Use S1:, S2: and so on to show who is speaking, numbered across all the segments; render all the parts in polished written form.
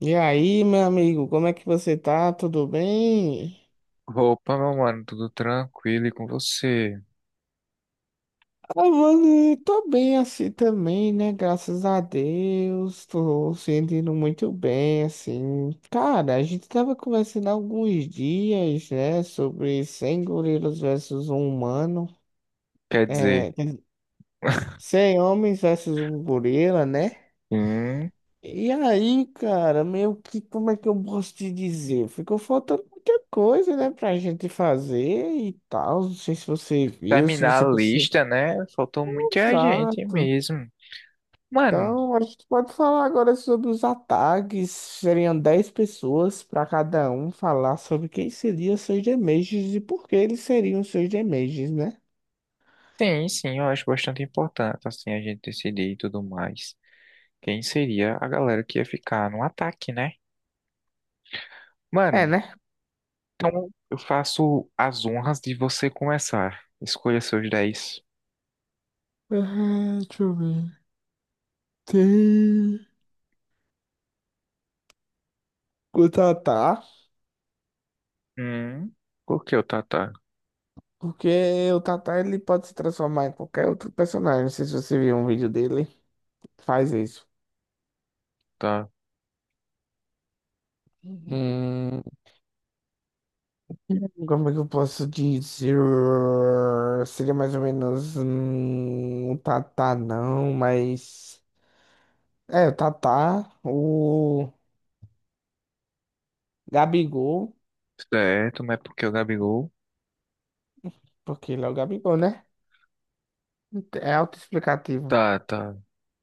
S1: E aí, meu amigo, como é que você tá? Tudo bem?
S2: Opa, meu mano, tudo tranquilo e com você?
S1: Ah, mano, eu tô bem assim também, né? Graças a Deus, tô sentindo muito bem, assim. Cara, a gente tava conversando há alguns dias, né, sobre 100 gorilas versus um humano,
S2: Quer dizer,
S1: é, 100 homens versus um gorila, né?
S2: hum,
S1: E aí, cara, meio que como é que eu posso te dizer? Ficou faltando muita coisa, né, pra gente fazer e tal. Não sei se você viu, se
S2: terminar
S1: você
S2: a
S1: percebeu.
S2: lista, né? Faltou muita gente
S1: Exato.
S2: mesmo. Mano,
S1: Então, a gente pode falar agora sobre os ataques. Seriam 10 pessoas para cada um falar sobre quem seriam seus Damages e por que eles seriam seus Damages, né?
S2: sim, sim, eu acho bastante importante, assim, a gente decidir e tudo mais. Quem seria a galera que ia ficar no ataque, né?
S1: É,
S2: Mano,
S1: né?
S2: eu faço as honras de você começar. Escolha seus 10.
S1: Ah, deixa eu ver. Tem. Quanto ataque?
S2: Hum, por que o Tata?
S1: Porque o Tata ele pode se transformar em qualquer outro personagem. Não sei se você viu um vídeo dele, faz isso.
S2: Tá
S1: Hum, Como é que eu posso dizer? Seria mais ou menos o Tata, não, mas. É, o Tata, o Gabigol,
S2: certo, mas porque o Gabigol?
S1: porque ele é o Gabigol, né? É autoexplicativo.
S2: Tá, tá.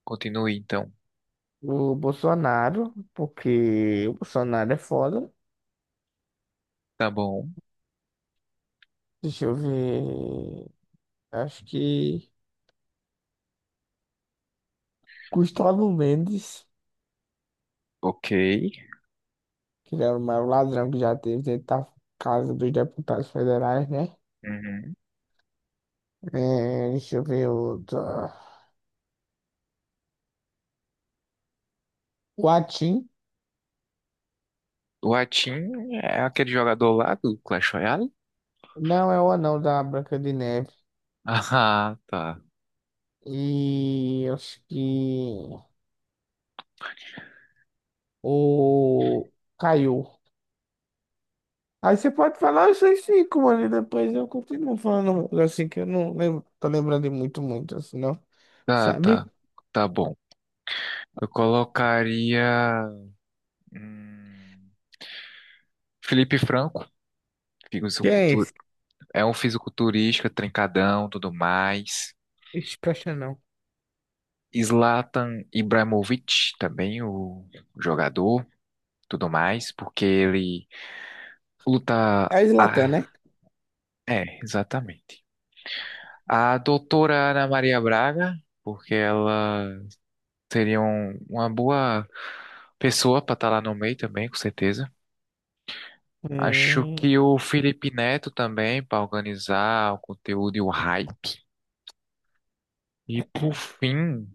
S2: Continue então.
S1: O Bolsonaro, porque o Bolsonaro é foda.
S2: Tá bom.
S1: Deixa eu ver. Acho que Gustavo Mendes.
S2: Ok.
S1: Que ele era o maior ladrão que já teve dentro da Casa dos Deputados Federais, né?
S2: Uhum.
S1: É, deixa eu ver outro. O Atim.
S2: O Atin é aquele jogador lá do Clash Royale?
S1: Não, é o anão da Branca de Neve.
S2: Ah, tá.
S1: E eu acho que o Caiu. Aí você pode falar esses 5, mano, e depois eu continuo falando uns, assim que eu não lembro, tô lembrando de muito, assim, não.
S2: Tá,
S1: Sabe?
S2: tá. Tá bom. Eu colocaria. hum, Felipe Franco,
S1: Quem é
S2: fisicultur-
S1: esse?
S2: é um fisiculturista, trincadão, tudo mais.
S1: Ixi, presta não.
S2: Zlatan Ibrahimovic, também o jogador, tudo mais, porque ele luta.
S1: É o Zlatan,
S2: Ah,
S1: né?
S2: é, exatamente. A doutora Ana Maria Braga, porque ela seria uma boa pessoa para estar lá no meio também, com certeza. Acho
S1: Hum,
S2: que o Felipe Neto também, para organizar o conteúdo e o hype. E por fim,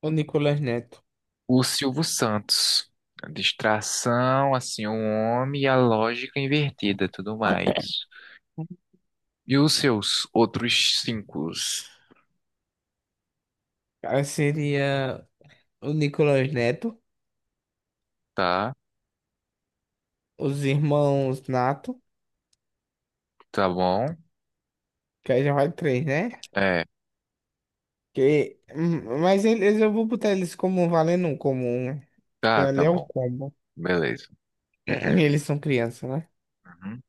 S1: o Nicolas Neto.
S2: o Silvio Santos. A distração, assim, o homem e a lógica invertida, tudo mais. E os seus outros cinco,
S1: Aí seria o Nicolas Neto,
S2: tá?
S1: os irmãos Nato,
S2: Tá bom?
S1: que aí já vai três, né?
S2: É,
S1: Que, mas eles eu vou botar eles como um valendo um comum, né? Que
S2: tá, tá
S1: ali é um
S2: bom.
S1: combo.
S2: Beleza.
S1: Eles são crianças, né?
S2: Uhum.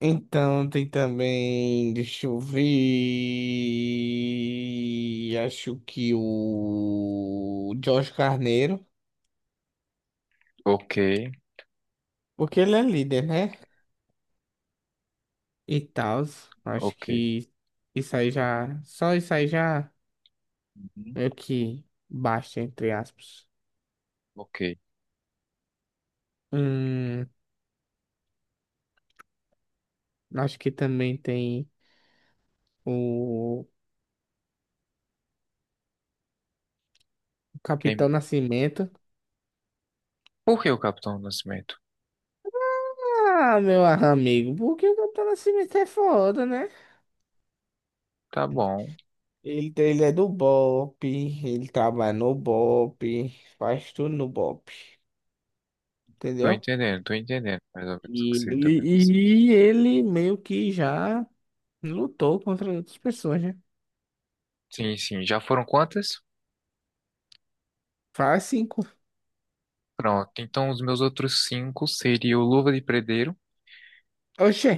S1: Então tem também, deixa eu ver, acho que o Jorge Carneiro,
S2: Ok,
S1: porque ele é líder, né? E tal, acho
S2: ok.
S1: que isso aí já, só isso aí já
S2: Uhum.
S1: meio que basta, entre aspas.
S2: Ok.
S1: Hum, Acho que também tem o
S2: Quem...
S1: Capitão Nascimento.
S2: Por que o Capitão Nascimento?
S1: Ah, meu amigo, porque o Capitão Nascimento é foda, né?
S2: Tá bom.
S1: Ele é do BOPE, ele trabalha no BOPE, faz tudo no BOPE, entendeu?
S2: Tô entendendo mais ou menos o que
S1: E
S2: você tá querendo dizer.
S1: ele, e ele meio que já lutou contra outras pessoas, né?
S2: Sim, sim. Já foram quantas?
S1: Faz 5.
S2: Pronto. Então, os meus outros cinco seriam o Luva de Predeiro.
S1: Oxê,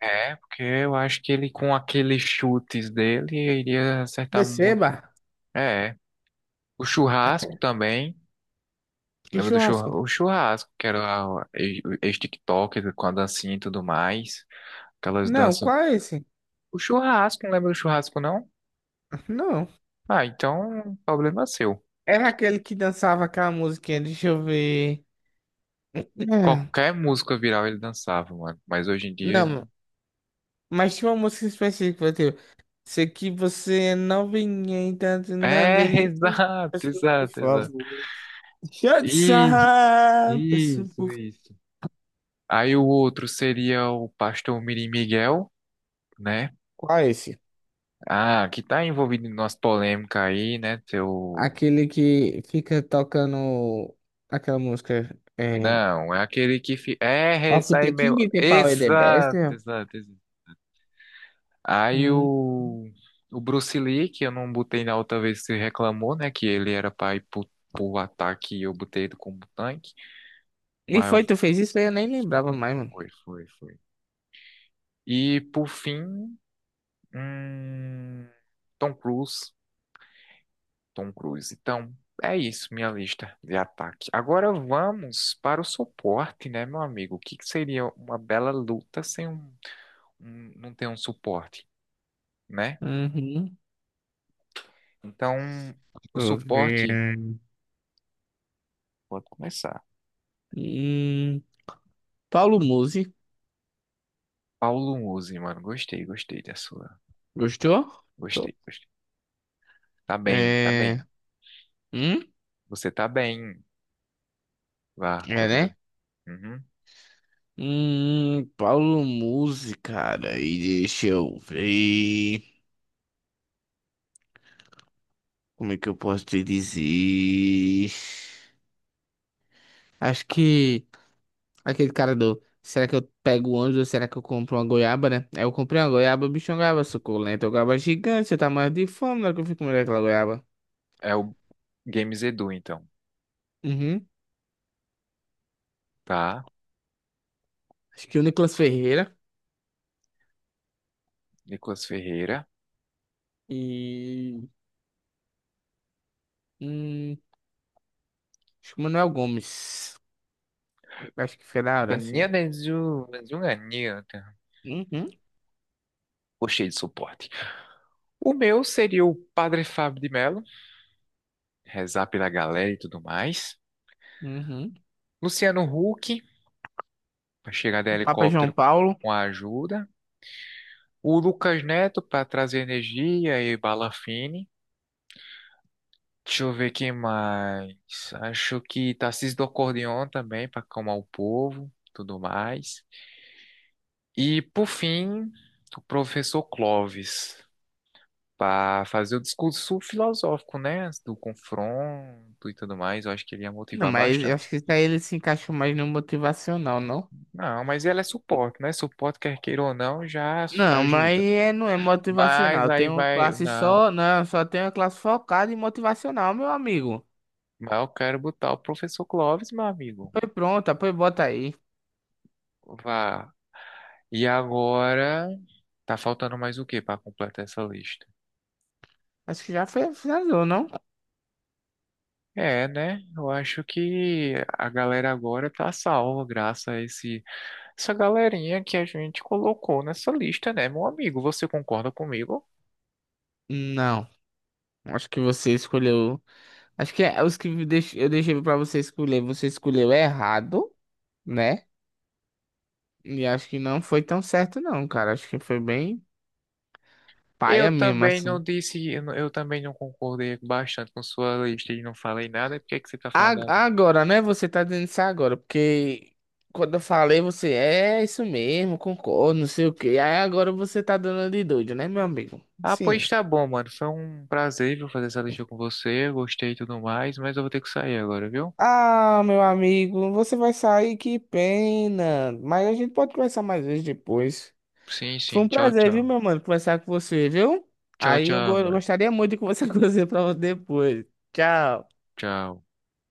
S2: É, porque eu acho que ele, com aqueles chutes dele, iria acertar muito.
S1: receba.
S2: É. O Churrasco também.
S1: Que
S2: Lembra do churra...
S1: churrasco.
S2: o Churrasco, que era o com a dancinha e tudo mais. Aquelas
S1: Não,
S2: danças.
S1: qual é esse?
S2: O Churrasco, não lembra do Churrasco, não?
S1: Não.
S2: Ah, então, problema é seu.
S1: Era aquele que dançava aquela musiquinha, deixa eu ver. É,
S2: Qualquer música viral ele dançava, mano. Mas hoje em dia ele...
S1: não, mas tinha uma música específica, tipo, se que você não vinha então na
S2: É,
S1: delícia,
S2: exato,
S1: peço por
S2: exato, exato.
S1: favor. Deixa de
S2: Ih,
S1: sarrar, peço
S2: isso,
S1: por...
S2: isso. Aí o outro seria o pastor Mirim Miguel, né?
S1: Qual é esse?
S2: Ah, que tá envolvido em umas polêmicas aí, né? Seu...
S1: Aquele que fica tocando aquela música, é...
S2: Não, é aquele que... É,
S1: Of
S2: isso aí
S1: the
S2: mesmo.
S1: King, The Power, The Best,
S2: Exato,
S1: né?
S2: exato, exato. Aí
S1: Hum.
S2: o... O Bruce Lee, que eu não botei na outra vez que você reclamou, né? Que ele era pai pro, pro ataque e eu botei ele como tanque.
S1: E
S2: Mas
S1: foi, tu fez isso aí, eu nem lembrava mais, mano.
S2: foi, foi, foi. E por fim, hum, Tom Cruise. Tom Cruise. Então, é isso, minha lista de ataque. Agora vamos para o suporte, né, meu amigo? O que que seria uma bela luta sem um, não ter um suporte, né?
S1: Uhum.
S2: Então,
S1: Deixa
S2: o
S1: eu
S2: suporte,
S1: ver.
S2: pode começar.
S1: Hum. Paulo Musi,
S2: Paulo Musi, mano, gostei, gostei da sua.
S1: gostou? Tô.
S2: Gostei, gostei. Tá bem, tá
S1: É.
S2: bem.
S1: Hum?
S2: Você tá bem. Vá,
S1: É,
S2: continua.
S1: né?
S2: Uhum.
S1: Paulo Musi, cara, e deixa eu ver. Como é que eu posso te dizer? Acho que aquele cara do. Será que eu pego o ônibus ou será que eu compro uma goiaba, né? Aí eu comprei uma goiaba, o bicho, é uma goiaba suculenta, uma goiaba gigante, eu tava morrendo de fome na hora que eu fui comer aquela goiaba.
S2: É o Games Edu, então.
S1: Uhum.
S2: Tá.
S1: Acho que o Nicolas Ferreira
S2: Nicolas Ferreira.
S1: e. Hum, Acho que o Manuel Gomes. Acho que foi da hora, assim. Uhum,
S2: Gostei de suporte. O meu seria o Padre Fábio de Mello, rezar pela galera e tudo mais.
S1: uhum.
S2: Luciano Huck, para chegar de
S1: O Papa João
S2: helicóptero
S1: Paulo.
S2: com a ajuda. O Lucas Neto, para trazer energia e bala fine. Deixa eu ver quem mais. Acho que Tarcísio do Acordeon também, para acalmar o povo, tudo mais. E, por fim, o professor Clóvis, para fazer o discurso filosófico, né? Do confronto e tudo mais, eu acho que ele ia
S1: Não,
S2: motivar
S1: mas eu acho
S2: bastante.
S1: que daí ele se encaixou mais no motivacional, não?
S2: Não, mas ela é suporte, né? Suporte, quer queira ou não,
S1: Não, mas
S2: ajuda.
S1: é, não é
S2: Mas
S1: motivacional.
S2: aí
S1: Tem uma
S2: vai,
S1: classe
S2: não,
S1: só. Não, só tem uma classe focada em motivacional, meu amigo.
S2: mas eu quero botar o professor Clóvis, meu amigo.
S1: Foi pronta, foi bota aí.
S2: Vá. E agora, tá faltando mais o que para completar essa lista?
S1: Acho que já foi, finalizou, não?
S2: É, né? Eu acho que a galera agora tá salva graças a esse, essa galerinha que a gente colocou nessa lista, né, meu amigo? Você concorda comigo?
S1: Não. Acho que você escolheu. Acho que é os que eu deixei pra você escolher. Você escolheu errado, né? E acho que não foi tão certo, não, cara. Acho que foi bem.
S2: Eu
S1: Paia mesmo,
S2: também não
S1: assim.
S2: disse, eu também não concordei bastante com sua lista e não falei nada. Por que que você tá falando
S1: A-
S2: a mim?
S1: Agora, né? Você tá dizendo isso agora, porque quando eu falei, você é isso mesmo, concordo, não sei o quê. Aí agora você tá dando de doido, né, meu amigo?
S2: Ah, pois
S1: Sim.
S2: tá bom, mano. Foi um prazer, viu, fazer essa lista com você. Gostei e tudo mais, mas eu vou ter que sair agora, viu?
S1: Ah, meu amigo, você vai sair, que pena. Mas a gente pode conversar mais vezes depois.
S2: Sim,
S1: Foi
S2: sim.
S1: um
S2: Tchau,
S1: prazer, viu,
S2: tchau.
S1: meu mano, conversar com você, viu?
S2: Tchau,
S1: Aí eu
S2: tchau, mano.
S1: gostaria muito de conversar com você pra depois. Tchau.
S2: Tchau.